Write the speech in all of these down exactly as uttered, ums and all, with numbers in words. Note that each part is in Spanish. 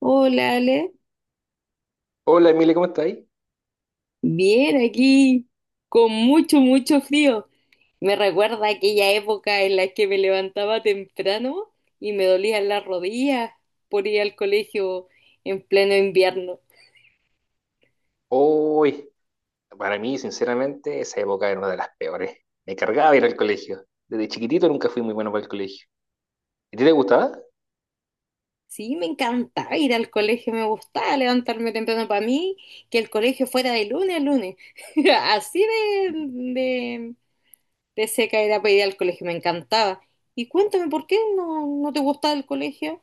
Hola, Ale. Hola Emilia, ¿cómo estáis? Bien, aquí con mucho, mucho frío. Me recuerda aquella época en la que me levantaba temprano y me dolían las rodillas por ir al colegio en pleno invierno. Hoy, para mí, sinceramente, esa época era una de las peores. Me cargaba ir al colegio. Desde chiquitito nunca fui muy bueno para el colegio. ¿A ti te gustaba? Sí, me encantaba ir al colegio, me gustaba levantarme temprano para mí, que el colegio fuera de lunes a lunes. Así de, de, de seca era para ir al colegio, me encantaba. Y cuéntame, ¿por qué no, no te gustaba el colegio?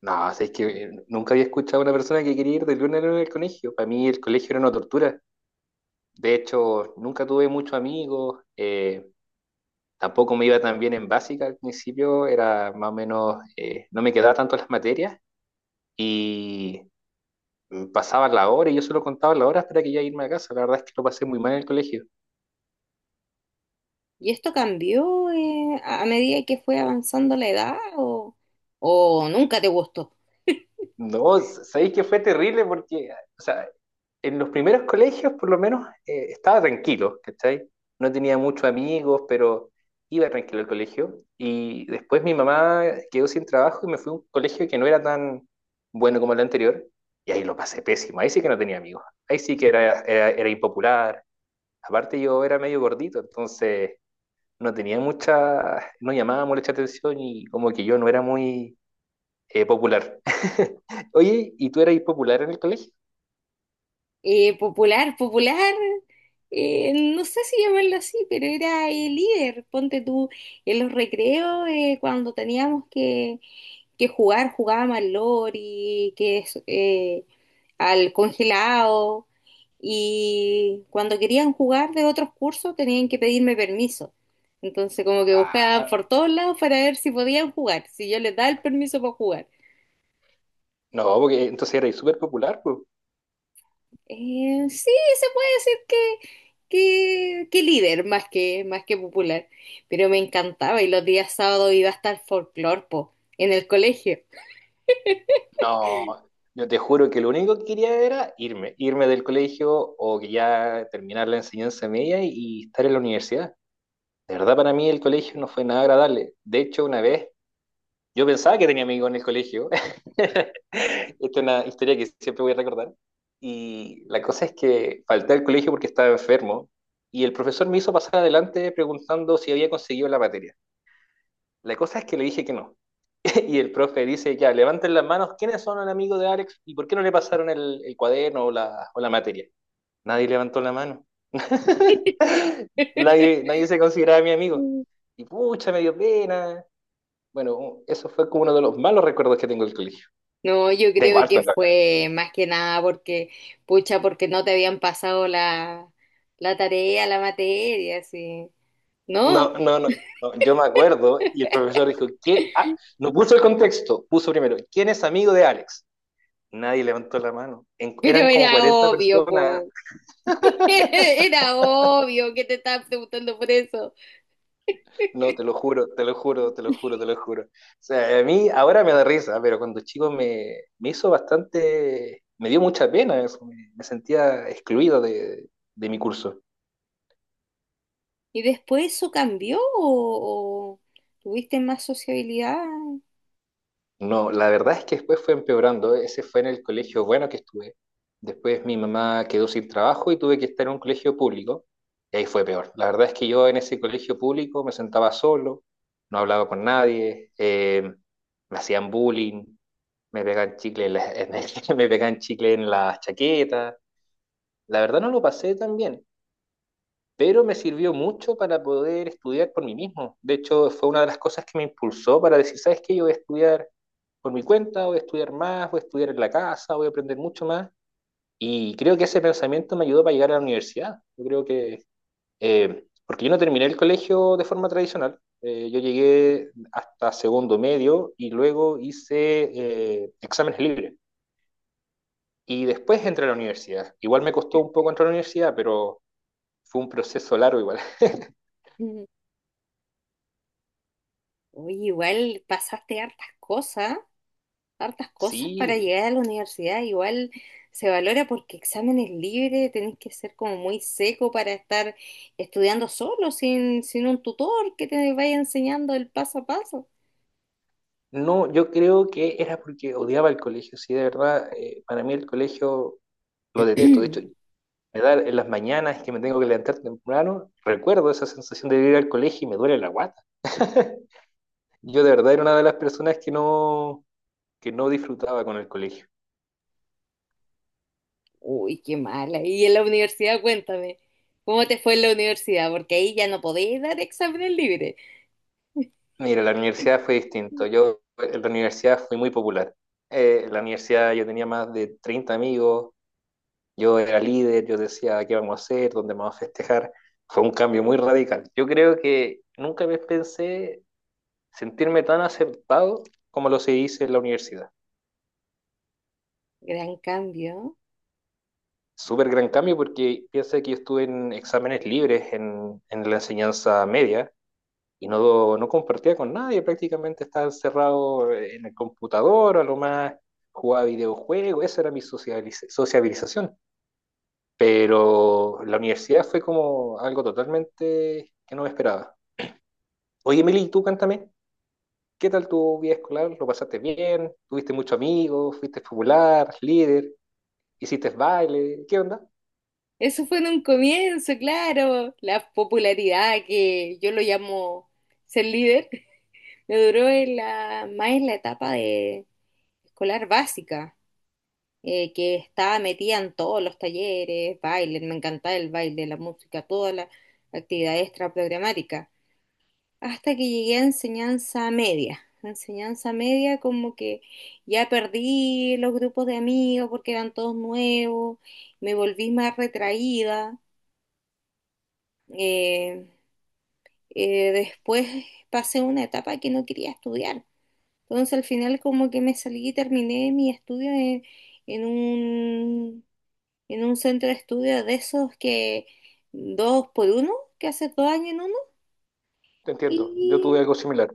No, o es que eh, nunca había escuchado a una persona que quería ir de lunes a lunes al colegio. Para mí el colegio era una tortura. De hecho, nunca tuve muchos amigos. Eh, tampoco me iba tan bien en básica al principio. Era más o menos, eh, no me quedaba tanto las materias. Y mm, pasaba la hora y yo solo contaba la hora hasta que ya irme a casa. La verdad es que lo pasé muy mal en el colegio. ¿Y esto cambió eh, a a medida que fue avanzando la edad o, o nunca te gustó? No, sabéis que fue terrible porque, o sea, en los primeros colegios por lo menos eh, estaba tranquilo, ¿cachai? No tenía muchos amigos, pero iba tranquilo al colegio. Y después mi mamá quedó sin trabajo y me fui a un colegio que no era tan bueno como el anterior. Y ahí lo pasé pésimo, ahí sí que no tenía amigos, ahí sí que era, era, era impopular. Aparte yo era medio gordito, entonces no tenía mucha, no llamaba mucha atención y como que yo no era muy eh, popular. Oye, ¿y tú eras popular en el colegio? Eh, popular, popular, eh, no sé si llamarlo así, pero era el líder. Ponte tú en los recreos eh, cuando teníamos que que jugar, jugábamos al lori, que es eh, al congelado, y cuando querían jugar de otros cursos tenían que pedirme permiso. Entonces como que Ah, buscaban por todos lados para ver si podían jugar, si yo les daba el permiso para jugar. no, porque entonces eras súper popular, pues. Eh, sí, se puede decir que, que, que líder más que, más que popular, pero me encantaba y los días sábados iba hasta el folclor, po, en el colegio. No, yo te juro que lo único que quería era irme, irme del colegio o que ya terminar la enseñanza media y estar en la universidad. De verdad, para mí el colegio no fue nada agradable. De hecho, una vez yo pensaba que tenía amigos en el colegio. Esta es una historia que siempre voy a recordar. Y la cosa es que falté al colegio porque estaba enfermo y el profesor me hizo pasar adelante preguntando si había conseguido la materia. La cosa es que le dije que no. Y el profe dice, ya, levanten las manos, ¿quiénes son el amigo de Alex y por qué no le pasaron el, el cuaderno o la, o la materia? Nadie levantó la mano. Nadie, nadie se consideraba mi amigo. Y pucha, me dio pena. Bueno, eso fue como uno de los malos recuerdos que tengo del colegio. No, yo Tengo creo harto que en la cara. fue más que nada porque, pucha, porque no te habían pasado la, la tarea, la materia, así. No, No, no, no, no, yo me acuerdo y el profesor dijo, ¿quién? Ah, no puso el contexto, puso primero, ¿quién es amigo de Alex? Nadie levantó la mano. En- eran pero como era cuarenta obvio, personas. po. Era obvio que te estaban preguntando por eso. No, te lo juro, te lo juro, te lo juro, te lo juro. O sea, a mí ahora me da risa, pero cuando chico me, me hizo bastante, me dio mucha pena eso. Me, me sentía excluido de, de mi curso. ¿Y después eso cambió o, o tuviste más sociabilidad? No, la verdad es que después fue empeorando. Ese fue en el colegio bueno que estuve. Después mi mamá quedó sin trabajo y tuve que estar en un colegio público. Y ahí fue peor. La verdad es que yo en ese colegio público me sentaba solo, no hablaba con nadie, eh, me hacían bullying, me pegaban chicle en la- en el- me pegaban chicle en la chaqueta. La verdad no lo pasé tan bien, pero me sirvió mucho para poder estudiar por mí mismo. De hecho, fue una de las cosas que me impulsó para decir, ¿sabes qué? Yo voy a estudiar por mi cuenta, voy a estudiar más, voy a estudiar en la casa, voy a aprender mucho más. Y creo que ese pensamiento me ayudó para llegar a la universidad. Yo creo que, eh, porque yo no terminé el colegio de forma tradicional, eh, yo llegué hasta segundo medio y luego hice eh, exámenes libres. Y después entré a la universidad. Igual me costó un poco entrar a la universidad, pero fue un proceso largo igual. Mm. Oye, igual pasaste hartas cosas. Hartas cosas para Sí, llegar a la universidad. Igual se valora porque exámenes libres, tenés que ser como muy seco para estar estudiando solo, sin, sin un tutor que te vaya enseñando el paso a paso. no, yo creo que era porque odiaba el colegio, sí, de verdad, eh, para mí el colegio lo detesto, de hecho, me da en las mañanas que me tengo que levantar temprano, recuerdo esa sensación de ir al colegio y me duele la guata. Yo de verdad era una de las personas que no, que no disfrutaba con el colegio. Uy, qué mala. Y en la universidad, cuéntame, ¿cómo te fue en la universidad? Porque ahí ya no podéis dar exámenes libres. Mira, la universidad fue distinto, yo en la universidad fui muy popular. Eh, en la universidad yo tenía más de treinta amigos. Yo era líder, yo decía qué vamos a hacer, dónde vamos a festejar. Fue un cambio muy radical. Yo creo que nunca me pensé sentirme tan aceptado como lo se hizo en la universidad. Gran cambio. Súper gran cambio porque piensa que yo estuve en exámenes libres en, en la enseñanza media y no, no compartía con nadie, prácticamente estaba encerrado en el computador, a lo más jugaba videojuegos, esa era mi socializ- sociabilización. Pero la universidad fue como algo totalmente que no me esperaba. Oye, Emily, ¿y tú cántame? ¿Qué tal tu vida escolar? ¿Lo pasaste bien? ¿Tuviste muchos amigos? ¿Fuiste popular? ¿Líder? ¿Hiciste baile? ¿Qué onda? Eso fue en un comienzo, claro. La popularidad que yo lo llamo ser líder. Me duró en la, más en la etapa de escolar básica, eh, que estaba metida en todos los talleres, baile, me encantaba el baile, la música, toda la actividad extra programática, hasta que llegué a enseñanza media. Enseñanza media como que ya perdí los grupos de amigos porque eran todos nuevos, me volví más retraída. eh, eh, Después pasé una etapa que no quería estudiar. Entonces al final como que me salí y terminé mi estudio en, en un, en un centro de estudio de esos que dos por uno, que hace dos años en uno. Te entiendo, yo tuve Y, algo similar.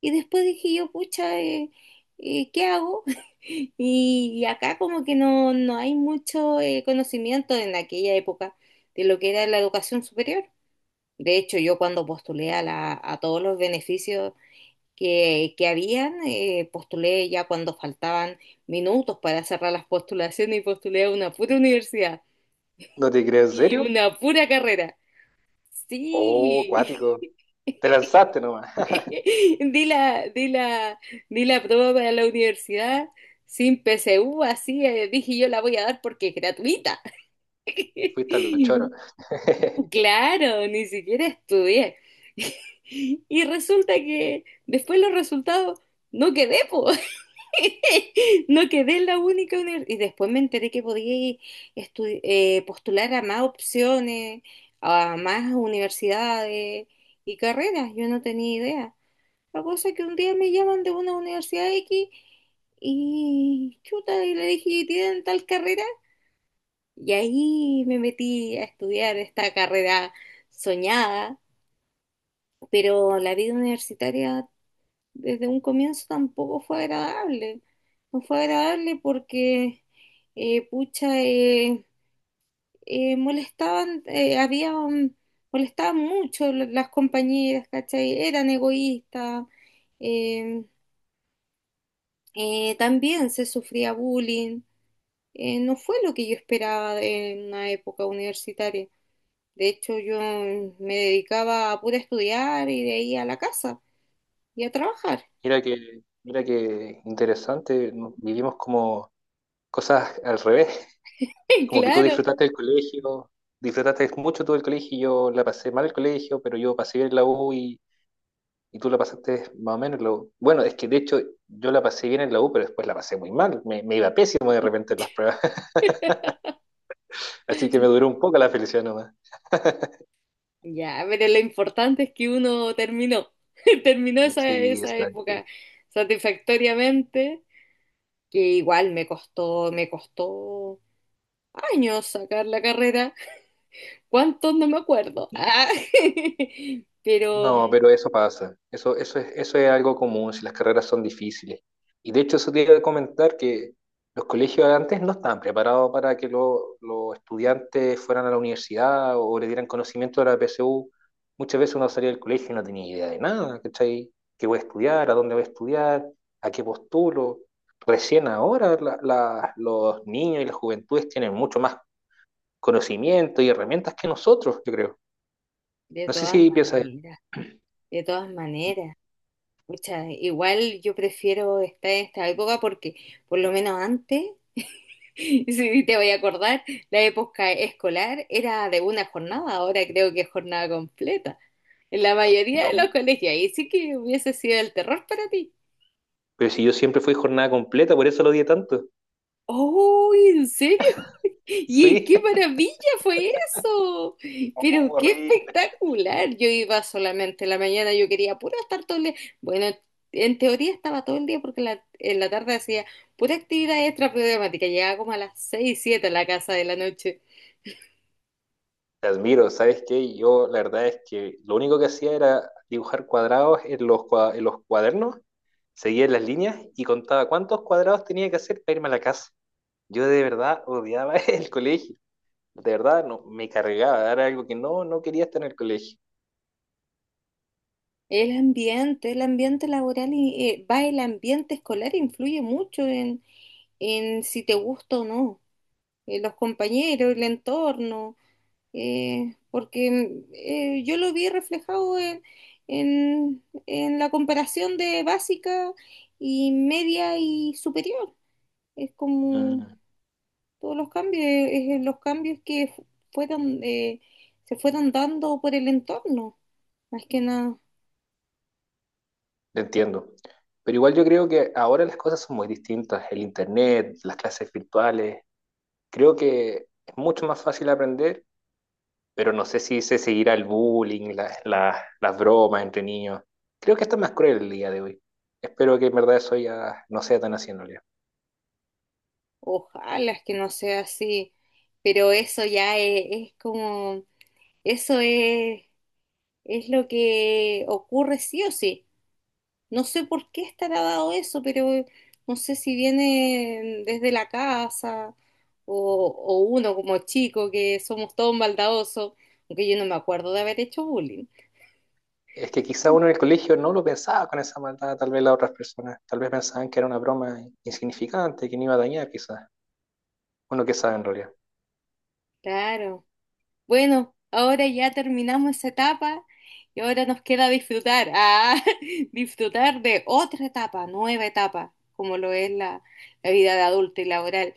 y después dije yo, pucha, eh, eh, ¿qué hago? Y, y acá como que no, no hay mucho eh, conocimiento en aquella época de lo que era la educación superior. De hecho, yo cuando postulé a, la, a todos los beneficios que, que habían, eh, postulé ya cuando faltaban minutos para cerrar las postulaciones y postulé a una pura universidad ¿No te crees en y serio? una pura carrera. Oh, Sí, cuático. Te lanzaste nomás. di la, di la, di la prueba para la universidad sin P S U, así eh, dije yo la voy a dar porque es gratuita. Fuiste a los choros. Claro, ni siquiera estudié. Y resulta que después los resultados no quedé, po. No quedé en la única universidad. Y después me enteré que podía estu- eh, postular a más opciones, a más universidades y carreras. Yo no tenía idea. La cosa es que un día me llaman de una universidad X y chuta, y le dije, ¿tienen tal carrera? Y ahí me metí a estudiar esta carrera soñada, pero la vida universitaria desde un comienzo tampoco fue agradable. No fue agradable porque, eh, pucha, eh, eh, molestaban, eh, había un- molestaban mucho la- las compañeras, ¿cachai? Eran egoístas, eh, eh, también se sufría bullying. Eh, no fue lo que yo esperaba de una época universitaria. De hecho, yo me dedicaba a pura estudiar y de ahí a la casa y a trabajar. Mira que, mira que interesante, ¿no? Vivimos como cosas al revés. Como que tú Claro. disfrutaste del colegio, disfrutaste mucho tú del colegio. Y yo la pasé mal el colegio, pero yo pasé bien la U. Y tú la pasaste más o menos en la U. Bueno, es que de hecho yo la pasé bien en la U, pero después la pasé muy mal. Me, me iba pésimo de repente en las pruebas. Así que me duró un poco la felicidad nomás. Ya, pero lo importante es que uno terminó, terminó esa, Sí, esa exacto. época satisfactoriamente, que igual me costó, me costó años sacar la carrera, cuántos no me acuerdo, ah, pero No, pero eso pasa. Eso, eso es, eso es algo común si las carreras son difíciles. Y de hecho, eso te iba a comentar que los colegios antes no estaban preparados para que lo- los estudiantes fueran a la universidad o le dieran conocimiento de la P S U. Muchas veces uno salía del colegio y no tenía idea de nada, ¿cachai? ¿Qué voy a estudiar? ¿A dónde voy a estudiar? ¿A qué postulo? Recién ahora la- la- los niños y las juventudes tienen mucho más conocimiento y herramientas que nosotros, yo creo. de No sé si todas piensas. maneras, de todas maneras, pucha, igual yo prefiero esta, esta época porque por lo menos antes sí, te voy a acordar, la época escolar era de una jornada, ahora creo que es jornada completa. En la mayoría de los No. colegios, ahí sí que hubiese sido el terror para ti. Pero si yo siempre fui jornada completa, por eso lo odié tanto. ¡Oh, en serio! ¡Y Sí, qué maravilla fue eso! oh, Pero qué horrible. espectacular. Yo iba solamente en la mañana, yo quería puro estar todo el día. Bueno, en teoría estaba todo el día porque en la, en la tarde hacía pura actividad extra programática. Llegaba como a las seis siete a la casa de la noche. Te admiro, ¿sabes qué? Yo la verdad es que lo único que hacía era dibujar cuadrados en los, cua- en los cuadernos, seguía las líneas y contaba cuántos cuadrados tenía que hacer para irme a la casa. Yo de verdad odiaba el colegio. De verdad, no, me cargaba. Era algo que no, no quería estar en el colegio. El ambiente, el ambiente laboral y eh, va el ambiente escolar influye mucho en, en si te gusta o no. Eh, los compañeros, el entorno, eh, porque mm, eh, yo lo vi reflejado en, en, en la comparación de básica y media y superior. Es como Mm, todos los cambios, eh, eh, los cambios que fu- fueron, eh, se fueron dando por el entorno, más que nada. te entiendo. Pero igual yo creo que ahora las cosas son muy distintas. El internet, las clases virtuales, creo que es mucho más fácil aprender, pero no sé si se seguirá el bullying, las, las, las bromas entre niños. Creo que está más cruel el día de hoy. Espero que en verdad eso ya no sea tan así en realidad. Ojalá es que no sea así, pero eso ya es, es como, eso es, es lo que ocurre sí o sí. No sé por qué estará dado eso, pero no sé si viene desde la casa o, o uno como chico, que somos todos maldadosos, aunque yo no me acuerdo de haber hecho bullying. Es que quizá uno en el colegio no lo pensaba con esa maldad, tal vez las otras personas, tal vez pensaban que era una broma insignificante, que no iba a dañar quizás. Uno que sabe en realidad. Claro. Bueno, ahora ya terminamos esa etapa y ahora nos queda disfrutar, ah, disfrutar de otra etapa, nueva etapa, como lo es la, la vida de adulto y laboral.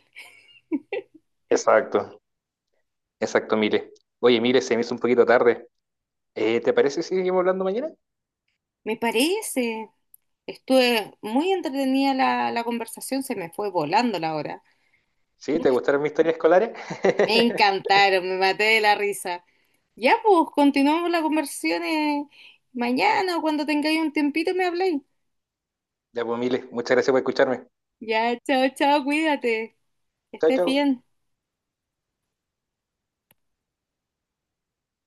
Exacto, exacto, Mire. Oye, Mire, se me hizo un poquito tarde. Eh, ¿te parece si seguimos hablando mañana? Me parece, estuve muy entretenida la, la conversación, se me fue volando la hora. ¿Sí? ¿Te gustaron mis historias escolares? Me encantaron, me maté de la risa. Ya pues, continuamos la conversación eh, mañana o cuando tengáis un tiempito me habléis. Ya, pues, Mire, muchas gracias por escucharme. Ya, chao, chao, cuídate, que Chao, estés chao. bien.